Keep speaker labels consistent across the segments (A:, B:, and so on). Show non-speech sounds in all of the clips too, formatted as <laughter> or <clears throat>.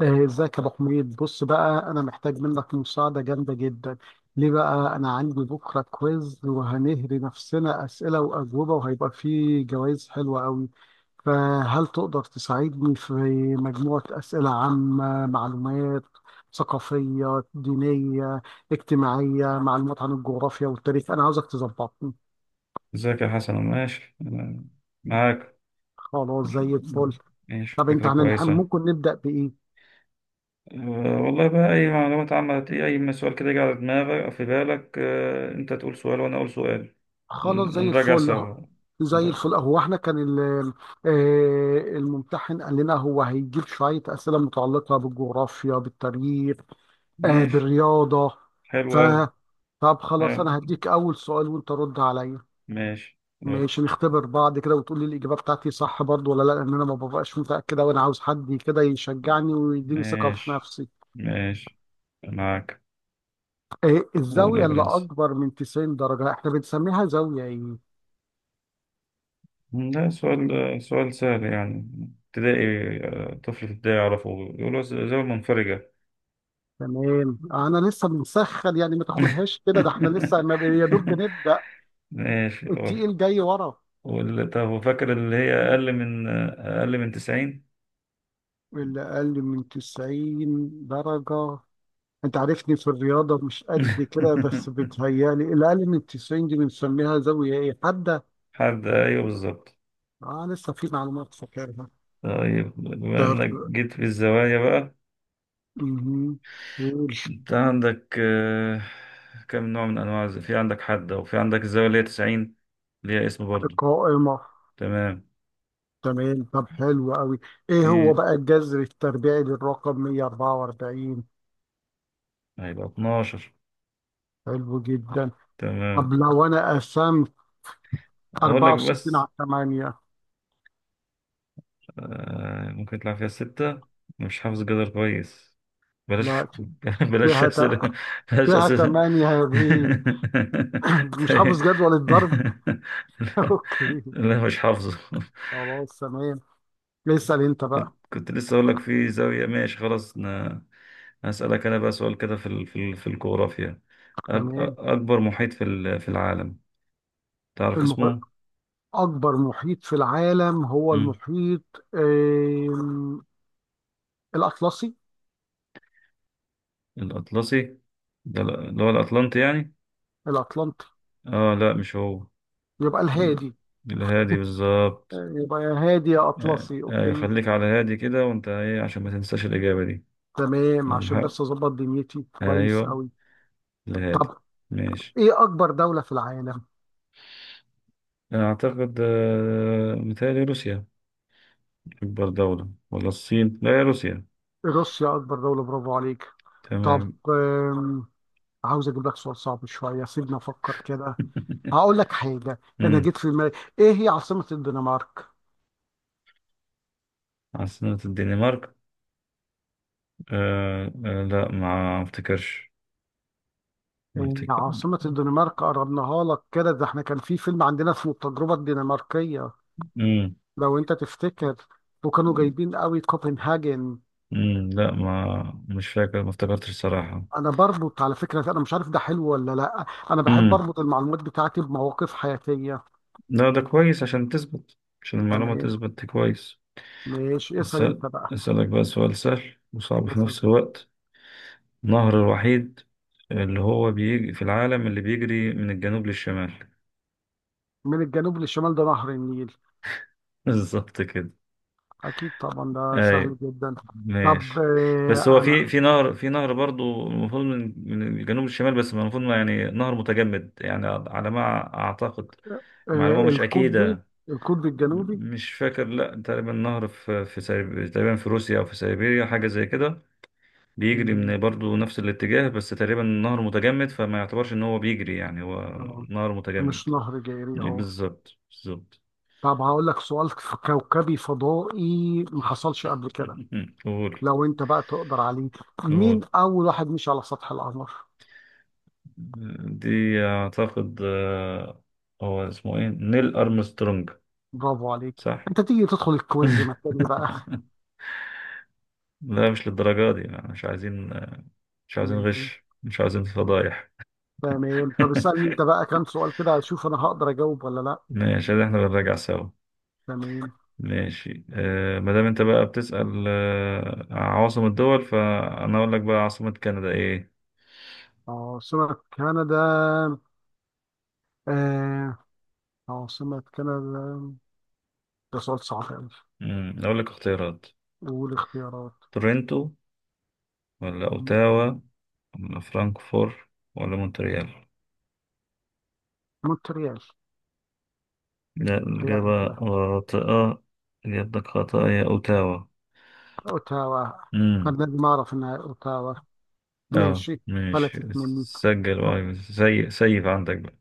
A: ازيك يا ابو حميد؟ بص بقى، انا محتاج منك مساعده جامده جدا. ليه بقى؟ انا عندي بكره كويز وهنهري نفسنا اسئله واجوبه، وهيبقى فيه جوائز حلوه قوي. فهل تقدر تساعدني في مجموعه اسئله عامه، معلومات ثقافيه، دينيه، اجتماعيه، معلومات عن الجغرافيا والتاريخ؟ انا عاوزك تظبطني.
B: ازيك يا حسن، ماشي، أنا معاك.
A: خلاص زي الفل.
B: ماشي،
A: طب انت
B: فكرة
A: هنلحق؟
B: كويسة.
A: ممكن نبدا بايه؟
B: أه والله بقى، أي معلومات عامة، أي سؤال كده يجي على دماغك في بالك، أنت تقول سؤال وأنا أقول سؤال،
A: خلاص زي
B: ونراجع
A: الفل.
B: سوا.
A: زي
B: ده-
A: الفل. هو احنا كان الممتحن قال لنا هو هيجيب شوية أسئلة متعلقة بالجغرافيا، بالتاريخ،
B: ماشي،
A: بالرياضة. ف
B: حلو أوي.
A: طب خلاص،
B: حلو.
A: أنا هديك أول سؤال وأنت رد عليا.
B: ماشي يلا.
A: ماشي، نختبر بعض كده وتقول لي الإجابة بتاعتي صح برضو ولا لا، لأن أنا ما ببقاش متأكدة، وأنا عاوز حد كده يشجعني ويديني ثقة في
B: ماشي
A: نفسي.
B: ماشي معاك. قول يا
A: الزاوية اللي
B: برنس،
A: أكبر من 90 درجة احنا بنسميها زاوية إيه؟
B: ده سؤال سؤال سهل يعني، ابتدائي، طفل في ابتدائي يعرفه. يقول له زاوية منفرجة.
A: تمام، انا لسه بنسخن، يعني ما
B: <laughs>
A: تاخدهاش كده، ده احنا لسه ما ب- يا دوب بنبدا.
B: ماشي أوف.
A: التقيل جاي ورا.
B: طب وفاكر اللي هي أقل من 90.
A: اللي اقل من 90 درجه، انت عارفني في الرياضه مش قد كده، بس
B: <laughs>
A: بتهيالي اللي اقل من 90 دي بنسميها زاويه ايه، حاده.
B: أيوه بالظبط.
A: اه لسه في معلومات فاكرها.
B: طيب بما
A: طب
B: إنك جيت في الزوايا بقى،
A: مهم. قول.
B: أنت عندك كم نوع من أنواع في عندك حدة وفي عندك الزاوية اللي هي 90، ليها اسم برضو.
A: قائمه.
B: تمام.
A: تمام، طب حلو قوي. ايه هو
B: في
A: بقى الجذر التربيعي للرقم 144؟
B: هيبقى 12.
A: حلو جدا. طب
B: تمام،
A: لو انا قسمت
B: أقول لك
A: 64
B: بس
A: على 8؟
B: ممكن يطلع فيها 6، مش حافظ جدر كويس، بلاش.
A: لا،
B: <laughs> بلاش
A: فيها ت...
B: أسئلة، بلاش
A: فيها
B: أسئلة.
A: 8 يا بيه. <clears throat>
B: <laughs>
A: <coughs> مش
B: طيب.
A: حافظ جدول
B: <laughs>
A: الضرب.
B: لا،
A: <laughs> اوكي،
B: لا، مش حافظه.
A: خلاص تمام. اسأل انت بقى.
B: كنت لسه أقول لك في زاوية، ماشي خلاص. أنا هسألك أنا بقى سؤال كده في الجغرافيا.
A: تمام.
B: أكبر محيط في العالم، تعرف
A: المح...
B: اسمه؟
A: اكبر محيط في العالم هو
B: مم.
A: المحيط الاطلسي.
B: الأطلسي. ده اللي هو الأطلنطي يعني؟
A: الاطلنطي.
B: آه لا مش هو.
A: يبقى
B: ال-
A: الهادي.
B: الهادي بالظبط.
A: يبقى يا هادي يا
B: آه،
A: اطلسي.
B: ايوه،
A: اوكي،
B: خليك على هادي كده، وانت ايه عشان ما تنساش الاجابه دي.
A: تمام، عشان بس
B: المحق،
A: اظبط دنيتي كويس
B: ايوه،
A: قوي.
B: الهادي.
A: طب
B: ماشي.
A: ايه اكبر دولة في العالم؟
B: اعتقد متهيألي روسيا، اكبر دوله ولا الصين، لا يا روسيا.
A: روسيا اكبر دولة، برافو عليك. طب
B: تمام.
A: عاوز اجيب لك سؤال صعب شويه، سيبني افكر كده.
B: <laughs>
A: هقول لك حاجه انا
B: امم.
A: جيت في دماغي. ايه هي عاصمه الدنمارك؟
B: عاصمه الدنمارك، لا ما افتكرش، ما
A: إيه
B: افتكر.
A: عاصمه الدنمارك؟ قربناها لك كده، ده احنا كان في فيلم عندنا اسمه التجربه الدنماركيه.
B: امم
A: لو انت تفتكر. وكانوا جايبين قوي كوبنهاجن.
B: امم. لا ما مش فاكر، ما افتكرتش الصراحه.
A: انا بربط على فكره، انا مش عارف ده حلو ولا لا، انا بحب
B: امم.
A: اربط المعلومات بتاعتي بمواقف حياتيه.
B: لا، ده كويس عشان تثبت، عشان المعلومه
A: تمام،
B: تثبت كويس.
A: ماشي اسال
B: أسأل-
A: انت بقى.
B: أسألك بقى سؤال سهل وصعب في
A: اسال.
B: نفس الوقت. النهر الوحيد اللي هو بيجي في العالم اللي بيجري من الجنوب للشمال. <laughs>
A: من الجنوب للشمال؟ ده نهر النيل.
B: بالظبط كده.
A: أكيد طبعا، ده
B: أي،
A: سهل جدا. طب
B: ماشي. بس هو في
A: أنا،
B: في نهر في نهر برضو المفروض من الجنوب للشمال، بس المفروض ما يعني نهر متجمد يعني، على ما أعتقد. معلومة مش
A: القطبي،
B: أكيدة.
A: القطب الجنوبي.
B: مش فاكر، لا، تقريبا نهر تقريبا في روسيا أو في سيبيريا حاجة زي كده، بيجري من
A: مهم.
B: برضه نفس الاتجاه، بس تقريبا النهر متجمد، فما يعتبرش ان هو بيجري يعني، هو
A: آه،
B: نهر
A: مش
B: متجمد.
A: نهر جاري، أه.
B: بالظبط بالظبط.
A: طب هقول لك سؤال في كوكبي فضائي، ما حصلش قبل كده.
B: <laughs> قول.
A: لو أنت بقى تقدر عليه. مين
B: قول
A: أول واحد مشي على سطح القمر؟
B: دي. اعتقد هو اسمه ايه، نيل ارمسترونج.
A: برافو عليك.
B: صح.
A: أنت تيجي تدخل الكويز مكاني بقى.
B: <laughs> لا مش للدرجة دي يعني، مش عايزين، مش
A: <laughs>
B: عايزين
A: ماشي.
B: غش، مش عايزين فضايح.
A: تمام، طب اسألني أنت
B: <laughs>
A: بقى كام سؤال كده، أشوف أنا هقدر أجاوب ولا لأ.
B: ماشي، احنا بنراجع سوا.
A: تمام.
B: ماشي، ما دام انت بقى بتسأل عواصم الدول، فانا اقول لك بقى عاصمة كندا ايه.
A: أه سمك كندا. آه عاصمة كندا، ده سؤال صعب أوي.
B: اقول لك اختيارات:
A: والاختيارات؟
B: تورنتو، ولا اوتاوا، ولا فرانكفور، ولا مونتريال.
A: مونتريال.
B: لا،
A: تهيألي
B: الإجابة
A: كده.
B: خاطئة. إجابتك خاطئة، هي اوتاوا.
A: أوتاوا.
B: امم.
A: أنا لازم أعرف إنها أوتاوا.
B: اه،
A: ماشي،
B: ماشي.
A: فلتت مني.
B: سجل
A: طب
B: بقى سيف عندك بقى.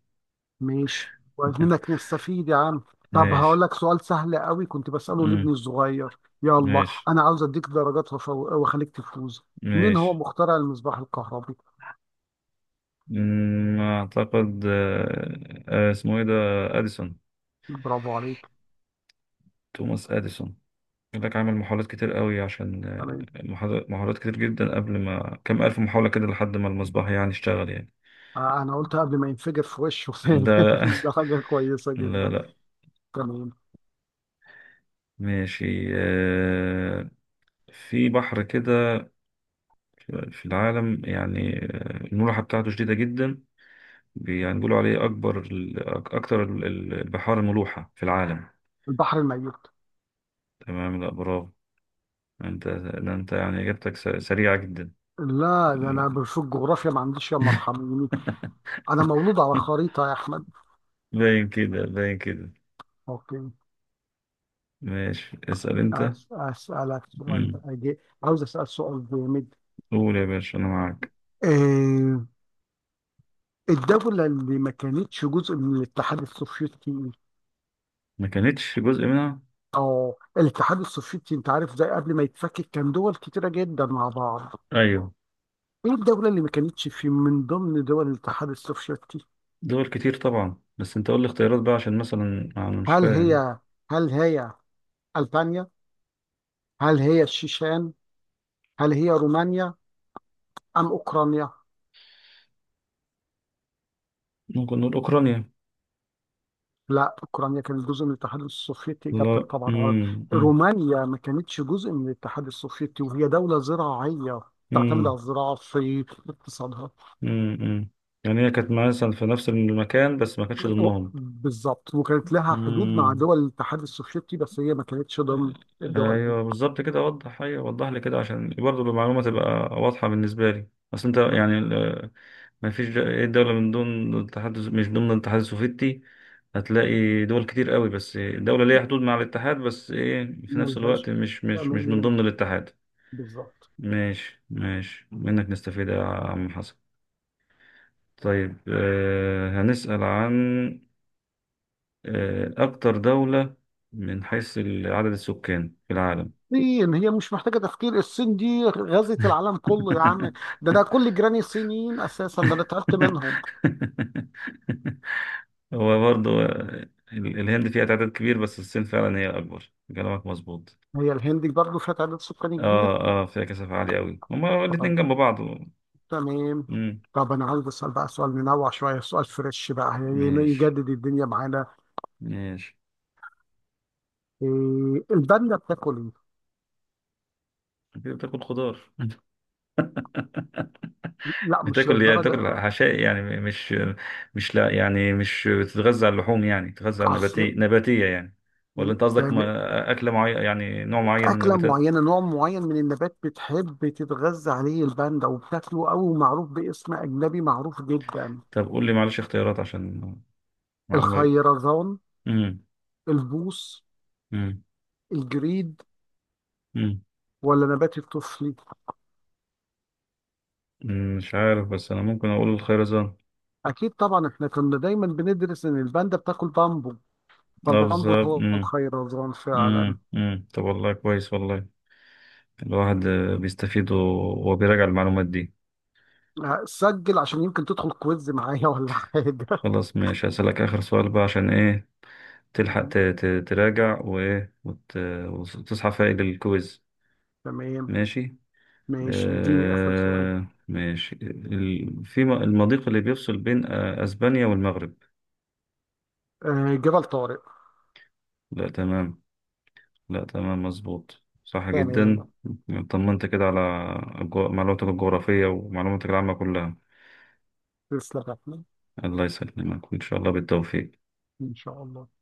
A: ماشي، كويس منك نستفيد يا عم. طب هقول
B: ماشي.
A: لك سؤال سهل قوي، كنت بسأله لابني
B: امم.
A: الصغير، يلا
B: ماشي
A: أنا عاوز أديك درجات وأخليك تفوز. مين هو
B: ماشي.
A: مخترع المصباح الكهربي؟
B: اعتقد اسمه ايه ده، اديسون.
A: برافو عليك.
B: توماس اديسون. يقول لك عمل محاولات كتير قوي عشان
A: تمام.
B: محاولات كتير جدا قبل ما كم الف محاولة كده، لحد ما المصباح يعني اشتغل يعني.
A: أنا قلت قبل ما ينفجر في وشه <laughs> ثاني.
B: ده
A: ده حاجة كويسة
B: لا، لا،
A: جدا.
B: لا.
A: تمام.
B: ماشي، في بحر كده في العالم يعني، الملوحة بتاعته شديدة جدا. يعني بيقولوا عليه أكتر البحار ملوحة في العالم.
A: البحر الميت.
B: تمام. لا، برافو. أنت، ده أنت يعني إجابتك سريعة جدا.
A: لا، ده
B: <laughs>
A: انا في الجغرافيا ما عنديش يا مرحميني. انا مولود على خريطه يا احمد.
B: باين كده، باين كده.
A: اوكي.
B: ماشي، اسأل أنت.
A: اسالك سؤال
B: مم.
A: بقى، عاوز اسال سؤال جامد.
B: قول يا باشا، انا معاك.
A: آه، الدوله اللي ما كانتش جزء من الاتحاد السوفيتي.
B: ما كانتش جزء منها.
A: اه الاتحاد السوفيتي، انت عارف ده قبل ما يتفكك كان دول كتيره جدا مع بعض.
B: ايوه.
A: ايه الدوله اللي ما كانتش في من ضمن دول الاتحاد السوفيتي؟
B: دول كتير طبعا، بس انت قول لي اختيارات بقى، عشان مثلا انا مش
A: هل
B: فاهم.
A: هي هل هي البانيا، هل هي الشيشان، هل هي رومانيا، ام اوكرانيا؟
B: ممكن نقول اوكرانيا.
A: لا، أوكرانيا كانت جزء من الاتحاد السوفيتي، إجابتك
B: لا.
A: طبعا غلط.
B: امم، امم.
A: رومانيا ما كانتش جزء من الاتحاد السوفيتي، وهي دولة زراعية تعتمد على
B: امم،
A: الزراعة في اقتصادها.
B: امم. يعني هي كانت مثلا في نفس المكان بس ما كانتش ضمنهم.
A: بالظبط، وكانت لها حدود مع
B: امم.
A: دول الاتحاد السوفيتي، بس هي ما كانتش ضمن الدول دي.
B: ايوه بالظبط كده، وضح، ايوه وضح لي كده عشان برضه المعلومه تبقى واضحه بالنسبه لي. بس انت يعني، ما فيش دولة من ضمن الاتحاد مش ضمن الاتحاد السوفيتي، هتلاقي دول كتير قوي، بس دولة ليها حدود مع الاتحاد، بس ايه في نفس
A: ملهاش.
B: الوقت مش من
A: تمام،
B: ضمن الاتحاد.
A: بالظبط.
B: ماشي ماشي، منك نستفيد يا عم حسن. طيب هنسأل عن أكتر دولة من حيث عدد السكان في العالم.
A: الصين، هي مش محتاجة تفكير، الصين دي غزت العالم كله يا عم. ده انا كل جيراني صينيين اساسا، ده انا تعبت منهم.
B: <laughs> هو برضه الهند فيها تعداد كبير، بس الصين فعلا هي الأكبر، كلامك مظبوط.
A: هي الهند برضه فيها تعداد سكاني
B: اه فيها كثافة عالية أوي، هما
A: كبير.
B: الاتنين جنب بعض.
A: تمام.
B: مم.
A: طب انا عايز اسال بقى سؤال منوع شويه، سؤال فريش بقى يعني،
B: ماشي
A: يجدد الدنيا معانا.
B: ماشي.
A: إيه الباندا بتاكل ايه؟
B: كده بتاكل خضار. <laughs>
A: لا مش
B: بتاكل
A: للدرجه.
B: حشائي يعني، مش، مش لا يعني مش بتتغذى على اللحوم، يعني بتتغذى على
A: اصل.
B: نباتية نباتية يعني، ولا أنت قصدك
A: تمام،
B: أكلة معينة، يعني نوع معين من
A: اكله
B: النباتات.
A: معينه، نوع معين من النبات بتحب تتغذى عليه الباندا وبتاكله قوي، ومعروف باسم اجنبي معروف جدا.
B: طب قول لي معلش اختيارات عشان معلومة.
A: الخيرزون.
B: مم.
A: البوص.
B: مم.
A: الجريد.
B: مم.
A: ولا نبات الطفلي.
B: مم. مش عارف، بس أنا ممكن أقول الخيرزان.
A: اكيد طبعا، احنا كنا دايما بندرس ان الباندا بتاكل بامبو،
B: اه
A: فالبامبو
B: بالظبط.
A: هو
B: مم.
A: الخيرزون فعلا.
B: مم. مم. طب والله كويس، والله الواحد بيستفيد وبيراجع المعلومات دي.
A: لا، سجل عشان يمكن تدخل كويز معايا <laughs> ولا حاجة.
B: خلاص، ماشي، هسألك آخر سؤال بقى عشان إيه تلحق
A: مم.
B: تراجع وتصحى فايق للكويز.
A: تمام،
B: ماشي.
A: ماشي اديني آخر سؤال.
B: ماشي في المضيق اللي بيفصل بين أسبانيا والمغرب.
A: آه جبل طارق.
B: لا تمام. لا تمام مظبوط، صح جدا.
A: تمام.
B: طمنت كده على معلوماتك الجغرافية ومعلوماتك العامة كلها.
A: تسلم يا أحمد.
B: الله يسلمك وإن شاء الله بالتوفيق.
A: إن شاء الله.